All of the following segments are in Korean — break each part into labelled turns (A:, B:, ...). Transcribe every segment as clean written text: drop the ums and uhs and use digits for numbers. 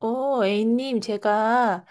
A: A님, 제가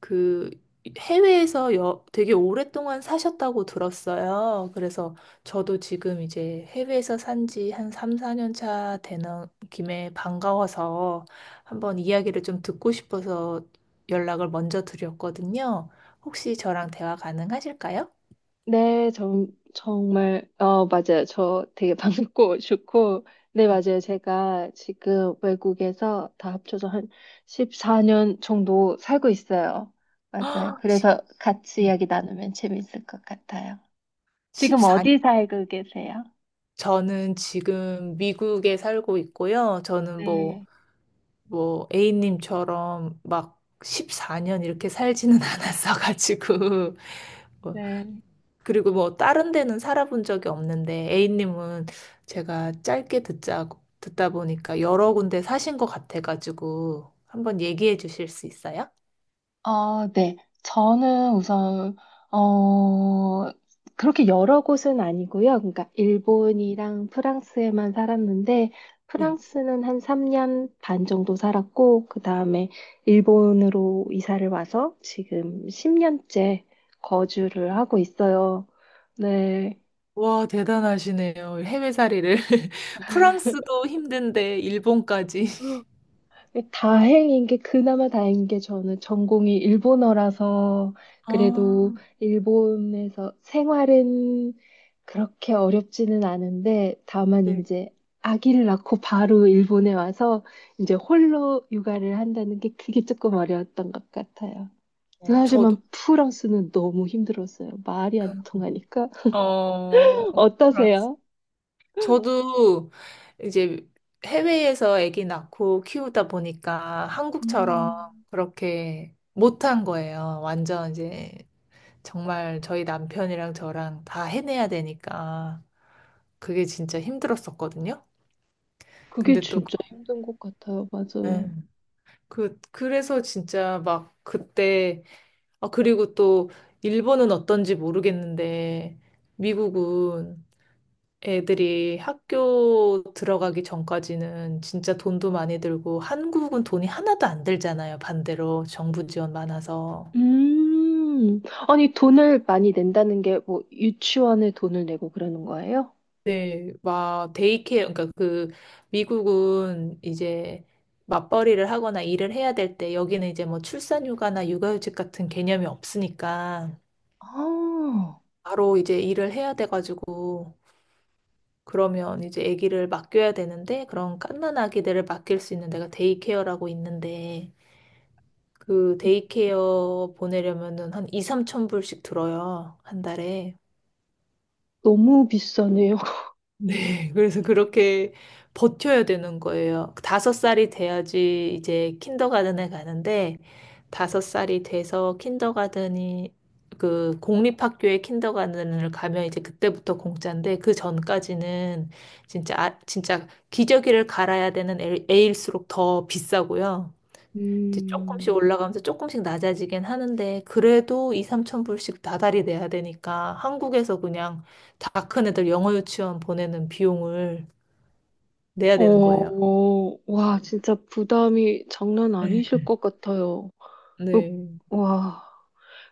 A: 그 해외에서 되게 오랫동안 사셨다고 들었어요. 그래서 저도 지금 이제 해외에서 산지 한 3, 4년 차 되는 김에 반가워서 한번 이야기를 좀 듣고 싶어서 연락을 먼저 드렸거든요. 혹시 저랑 대화 가능하실까요?
B: 네, 정말, 맞아요. 저 되게 반갑고 좋고. 네, 맞아요. 제가 지금 외국에서 다 합쳐서 한 14년 정도 살고 있어요. 맞아요.
A: 아,
B: 그래서 같이 이야기 나누면 재밌을 것 같아요. 지금
A: 14년.
B: 어디 살고 계세요?
A: 저는 지금 미국에 살고 있고요. 저는
B: 네,
A: 뭐 A님처럼 막 14년 이렇게 살지는 않았어가지고 뭐,
B: 네.
A: 그리고 뭐 다른 데는 살아본 적이 없는데 A님은 제가 짧게 듣자 듣다 보니까 여러 군데 사신 것 같아가지고 한번 얘기해 주실 수 있어요?
B: 어, 네. 저는 우선, 어, 그렇게 여러 곳은 아니고요. 그러니까 일본이랑 프랑스에만 살았는데,
A: 네.
B: 프랑스는 한 3년 반 정도 살았고, 그 다음에 일본으로 이사를 와서 지금 10년째 거주를 하고 있어요. 네.
A: 와, 대단하시네요. 해외살이를. 프랑스도 힘든데, 일본까지.
B: 다행인 게, 그나마 다행인 게 저는 전공이 일본어라서 그래도
A: 아,
B: 일본에서 생활은 그렇게 어렵지는 않은데, 다만
A: 네.
B: 이제 아기를 낳고 바로 일본에 와서 이제 홀로 육아를 한다는 게, 그게 조금 어려웠던 것 같아요.
A: 저도.
B: 하지만 프랑스는 너무 힘들었어요. 말이 안 통하니까.
A: 어,
B: 어떠세요?
A: 저도 이제 해외에서 아기 낳고 키우다 보니까 한국처럼
B: 음,
A: 그렇게 못한 거예요. 완전 이제 정말 저희 남편이랑 저랑 다 해내야 되니까 그게 진짜 힘들었었거든요.
B: 그게
A: 근데 또
B: 진짜 힘든 것 같아요.
A: 네.
B: 맞아요.
A: 그래서 진짜 막 그때, 아, 그리고 또 일본은 어떤지 모르겠는데 미국은 애들이 학교 들어가기 전까지는 진짜 돈도 많이 들고 한국은 돈이 하나도 안 들잖아요. 반대로 정부 지원 많아서.
B: 음, 아니, 돈을 많이 낸다는 게 뭐 유치원에 돈을 내고 그러는 거예요?
A: 네, 막 데이케어. 그러니까 그 미국은 이제 맞벌이를 하거나 일을 해야 될 때 여기는 이제 뭐 출산휴가나 육아휴직 같은 개념이 없으니까
B: 아,
A: 바로 이제 일을 해야 돼가지고, 그러면 이제 아기를 맡겨야 되는데 그런 갓난 아기들을 맡길 수 있는 데가 데이케어라고 있는데, 그 데이케어 보내려면은 한 2, 3천 불씩 들어요. 한 달에.
B: 너무 비싸네요.
A: 네. 그래서 그렇게 버텨야 되는 거예요. 다섯 살이 돼야지 이제 킨더가든에 가는데, 다섯 살이 돼서 킨더가든이, 그 공립학교의 킨더가든을 가면 이제 그때부터 공짜인데, 그 전까지는 진짜 진짜 기저귀를 갈아야 되는 애일수록 더 비싸고요. 이제 조금씩
B: 음,
A: 올라가면서 조금씩 낮아지긴 하는데, 그래도 2, 3천 불씩 다달이 내야 되니까 한국에서 그냥 다 큰 애들 영어 유치원 보내는 비용을 내야 되는 거예요.
B: 와, 진짜 부담이 장난
A: 네.
B: 아니실 것 같아요. 으,
A: 네.
B: 와.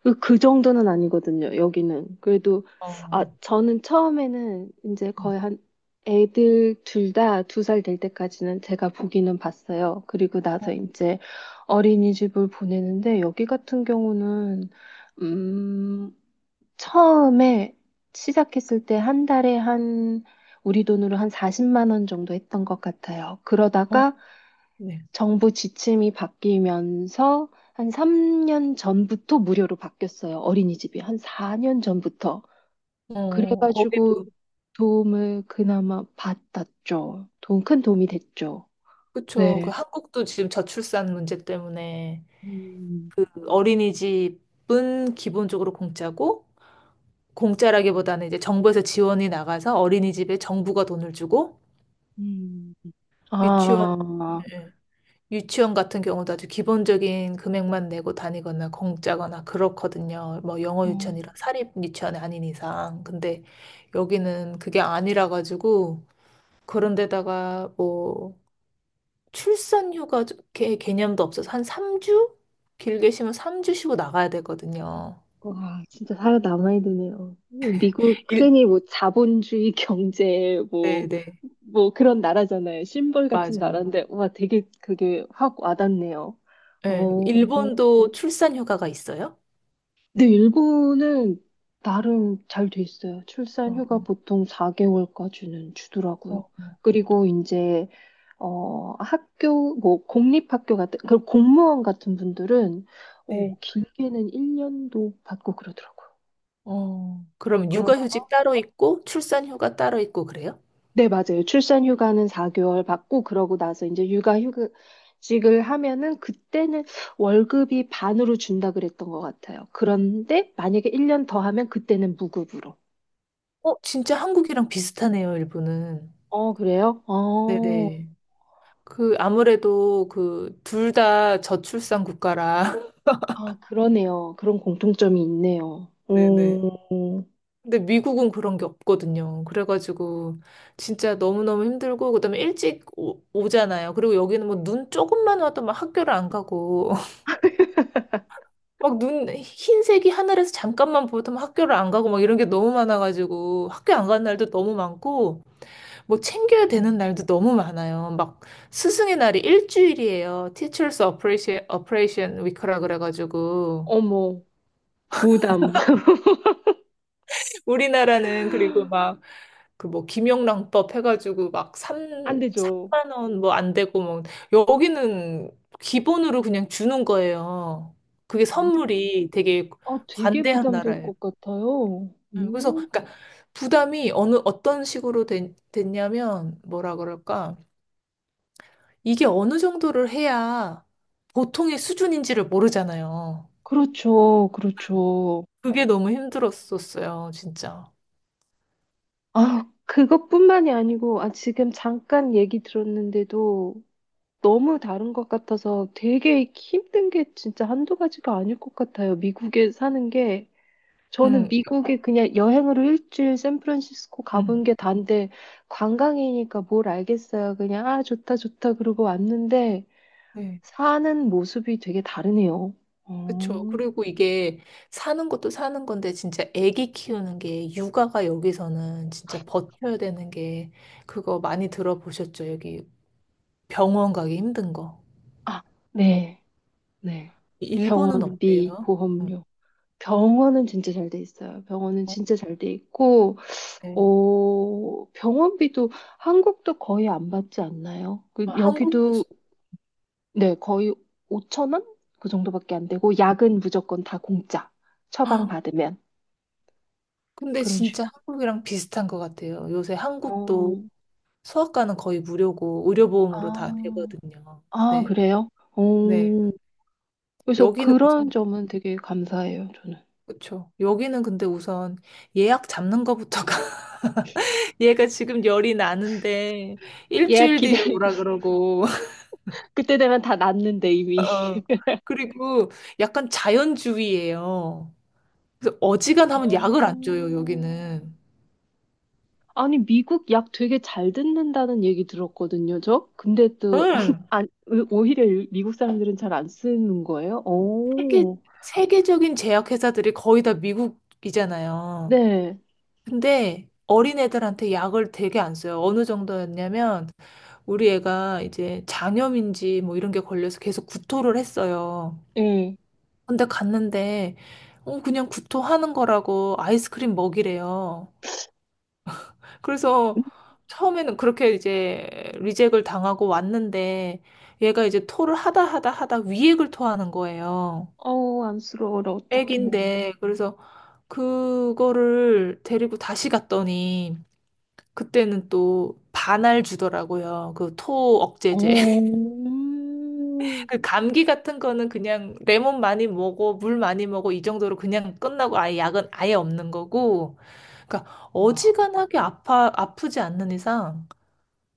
B: 그, 그 정도는 아니거든요, 여기는. 그래도, 아,
A: 어.
B: 저는 처음에는 이제 거의 한, 애들 둘 다 두 살 될 때까지는 제가 보기는 봤어요. 그리고 나서 이제 어린이집을 보내는데, 여기 같은 경우는, 음, 처음에 시작했을 때 한 달에 한, 우리 돈으로 한 40만 원 정도 했던 것 같아요.
A: 어,
B: 그러다가
A: 네.
B: 정부 지침이 바뀌면서 한 3년 전부터 무료로 바뀌었어요. 어린이집이 한 4년 전부터. 그래가지고
A: 거기도.
B: 도움을 그나마 받았죠. 돈, 큰 도움이 됐죠.
A: 그쵸.
B: 네.
A: 그 한국도 지금 저출산 문제 때문에
B: 음,
A: 그 어린이집은 기본적으로 공짜고, 공짜라기보다는 이제 정부에서 지원이 나가서 어린이집에 정부가 돈을 주고.
B: 음.
A: 유치원
B: 아,
A: 네. 유치원 같은 경우도 아주 기본적인 금액만 내고 다니거나 공짜거나 그렇거든요. 뭐 영어
B: 음,
A: 유치원이라 사립 유치원이 아닌 이상. 근데 여기는 그게 아니라 가지고, 그런 데다가 뭐 출산 휴가 개념도 없어서 한 3주? 길게 쉬면 3주 쉬고 나가야 되거든요.
B: 와, 진짜 살아남아야 되네요. 미국
A: 일,
B: 흔히 뭐 자본주의 경제
A: 네,
B: 뭐,
A: 네.
B: 뭐 그런 나라잖아요. 심벌 같은
A: 맞아요.
B: 나라인데, 와, 되게 그게 확 와닿네요.
A: 네,
B: 어,
A: 일본도 출산 휴가가 있어요?
B: 네, 일본은 나름 잘 돼 있어요. 출산
A: 어,
B: 휴가 보통 4개월까지는
A: 어,
B: 주더라고요.
A: 어.
B: 그리고 이제 학교 뭐 공립학교 같은, 그 공무원 같은 분들은
A: 네.
B: 길게는 1년도 받고 그러더라고요.
A: 그럼
B: 그러다가,
A: 육아휴직 따로 있고 출산휴가 따로 있고 그래요?
B: 네, 맞아요. 출산 휴가는 4개월 받고, 그러고 나서 이제 육아 휴직을 하면은, 그때는 월급이 반으로 준다 그랬던 것 같아요. 그런데 만약에 1년 더 하면 그때는 무급으로.
A: 진짜 한국이랑 비슷하네요, 일본은.
B: 어, 그래요?
A: 네네. 그, 아무래도 그, 둘 다 저출산 국가라.
B: 아, 그러네요. 그런 공통점이 있네요.
A: 네네. 근데 미국은 그런 게 없거든요. 그래가지고, 진짜 너무너무 힘들고, 그다음에 일찍 오잖아요. 그리고 여기는 뭐 눈 조금만 와도 막 학교를 안 가고, 막 눈, 흰색이 하늘에서 잠깐만 보여도 막 학교를 안 가고, 막 이런 게 너무 많아가지고, 학교 안 가는 날도 너무 많고, 뭐 챙겨야 되는
B: 음.
A: 날도 너무 많아요. 막 스승의 날이 일주일이에요. Teachers Appreciation Week라 그래가지고
B: 어머, 부담.
A: 우리나라는 그리고 막 그 뭐 김영란법 해가지고 막
B: 안 되죠.
A: 3만 원 뭐 안 되고, 뭐 여기는 기본으로 그냥 주는 거예요. 그게
B: 아,
A: 선물이 되게
B: 아, 되게
A: 관대한
B: 부담될
A: 나라예요.
B: 것 같아요.
A: 그래서 그러니까 부담이 어느 어떤 식으로 됐냐면 뭐라 그럴까? 이게 어느 정도를 해야 보통의 수준인지를 모르잖아요.
B: 그렇죠, 그렇죠.
A: 그게 너무 힘들었었어요, 진짜.
B: 아, 그것뿐만이 아니고, 지금 잠깐 얘기 들었는데도 너무 다른 것 같아서, 되게 힘든 게 진짜 한두 가지가 아닐 것 같아요. 미국에 사는 게. 저는
A: 응,
B: 미국에 그냥 여행으로 일주일 샌프란시스코 가본
A: 응.
B: 게 단데, 관광이니까 뭘 알겠어요. 그냥 아 좋다 좋다 그러고 왔는데,
A: 네.
B: 사는 모습이 되게 다르네요.
A: 그쵸.
B: 어.
A: 그리고 이게 사는 것도 사는 건데, 진짜 아기 키우는 게, 육아가 여기서는 진짜 버텨야 되는 게, 그거 많이 들어보셨죠? 여기 병원 가기 힘든 거.
B: 아, 네. 네.
A: 일본은
B: 병원비,
A: 어때요?
B: 보험료. 병원은 진짜 잘 돼 있어요. 병원은
A: 음, 어,
B: 진짜 잘 돼 있고,
A: 네.
B: 병원비도 한국도 거의 안 받지 않나요? 그
A: 아, 한국도,
B: 여기도 네, 거의 5천 원? 그 정도밖에 안 되고, 약은 무조건 다 공짜. 처방 받으면
A: 근데
B: 그런
A: 진짜
B: 식으로.
A: 한국이랑 비슷한 것 같아요. 요새 한국도
B: 어,
A: 소아과는 거의 무료고 의료보험으로 다
B: 아,
A: 되거든요. 근데
B: 그래요?
A: 네.
B: 그래서
A: 여기는
B: 그런
A: 우선.
B: 점은 되게 감사해요, 저는.
A: 그렇죠. 여기는 근데 우선 예약 잡는 거부터가 얘가 지금 열이 나는데
B: 예약
A: 일주일 뒤에
B: 기다리고
A: 오라 그러고.
B: 그때 되면 다 났는데 이미.
A: 어. 그리고 약간 자연주의예요. 그래서
B: 어.
A: 어지간하면 약을 안 줘요, 여기는.
B: 아니, 미국 약 되게 잘 듣는다는 얘기 들었거든요, 저. 근데 또
A: 응.
B: 안, 오히려 미국 사람들은 잘 안 쓰는 거예요?
A: 세계
B: 오.
A: 세계적인 제약회사들이 거의 다 미국이잖아요.
B: 네.
A: 근데 어린애들한테 약을 되게 안 써요. 어느 정도였냐면 우리 애가 이제 장염인지 뭐 이런 게 걸려서 계속 구토를 했어요.
B: 예.
A: 근데 갔는데, 그냥 구토하는 거라고 아이스크림 먹이래요. 그래서 처음에는 그렇게 이제 리젝을 당하고 왔는데, 얘가 이제 토를 하다 하다 하다 위액을 토하는 거예요.
B: 어우, 안쓰러워라, 어떡해.
A: 애기인데, 그래서 그거를 데리고 다시 갔더니, 그때는 또 반알 주더라고요. 그 토 억제제.
B: 어,
A: 그 감기 같은 거는 그냥 레몬 많이 먹어, 물 많이 먹어 이 정도로 그냥 끝나고 아예 약은 아예 없는 거고. 그러니까
B: 와,
A: 어지간하게 아파 아프지 않는 이상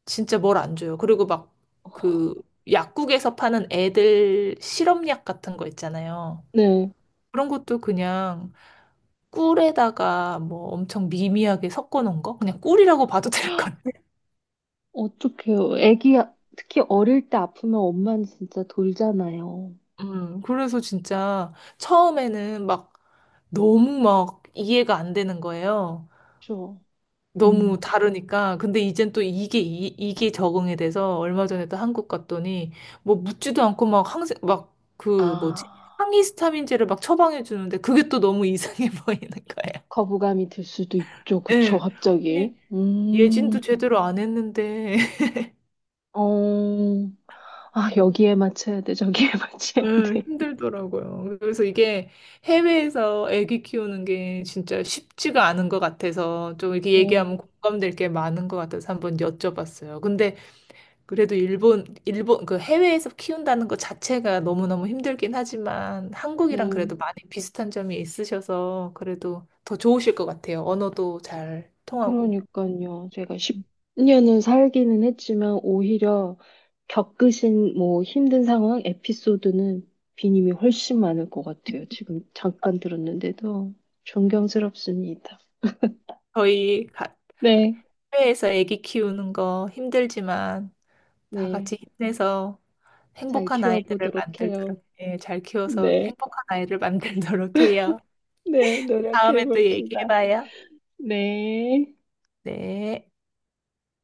A: 진짜 뭘 안 줘요. 그리고 막 그 약국에서 파는 애들 실험약 같은 거 있잖아요.
B: 네,
A: 그런 것도 그냥 꿀에다가 뭐 엄청 미미하게 섞어 놓은 거? 그냥 꿀이라고 봐도 될 것 같아요.
B: 어떡해요. 애기, 특히 어릴 때 아프면 엄마는 진짜 돌잖아요.
A: 그래서 진짜 처음에는 막 너무 막 이해가 안 되는 거예요.
B: 그쵸?
A: 너무
B: 음,
A: 다르니까. 근데 이젠 또 이게 적응이 돼서 얼마 전에 또 한국 갔더니 뭐 묻지도 않고 막 막 그 뭐지?
B: 아,
A: 항히스타민제를 막 처방해 주는데 그게 또 너무 이상해 보이는 거예요.
B: 거부감이 들 수도 있죠. 그쵸,
A: 예. 아니,
B: 갑자기.
A: 예진도 제대로 안 했는데
B: 어, 여기에 맞춰야 돼, 저기에
A: 예,
B: 맞춰야 돼.
A: 힘들더라고요. 그래서 이게 해외에서 아기 키우는 게 진짜 쉽지가 않은 것 같아서 좀 이렇게
B: 어,
A: 얘기하면 공감될 게 많은 것 같아서 한번 여쭤봤어요. 근데 그래도 일본, 그 해외에서 키운다는 것 자체가 너무너무 힘들긴 하지만 한국이랑 그래도
B: 네.
A: 많이 비슷한 점이 있으셔서 그래도 더 좋으실 것 같아요. 언어도 잘 통하고.
B: 그러니까요. 제가 10년은 살기는 했지만, 오히려 겪으신 뭐 힘든 상황, 에피소드는 비님이 훨씬 많을 것 같아요. 지금 잠깐 들었는데도 존경스럽습니다.
A: 저희
B: 네,
A: 해외에서 아기 키우는 거 힘들지만 다
B: 네.
A: 같이 힘내서
B: 잘
A: 행복한 아이들을
B: 키워보도록 해요.
A: 만들도록, 예, 잘 키워서
B: 네,
A: 행복한 아이를 만들도록 해요.
B: 네,
A: 다음에 또
B: 노력해봅시다.
A: 얘기해봐요.
B: 네.
A: 네.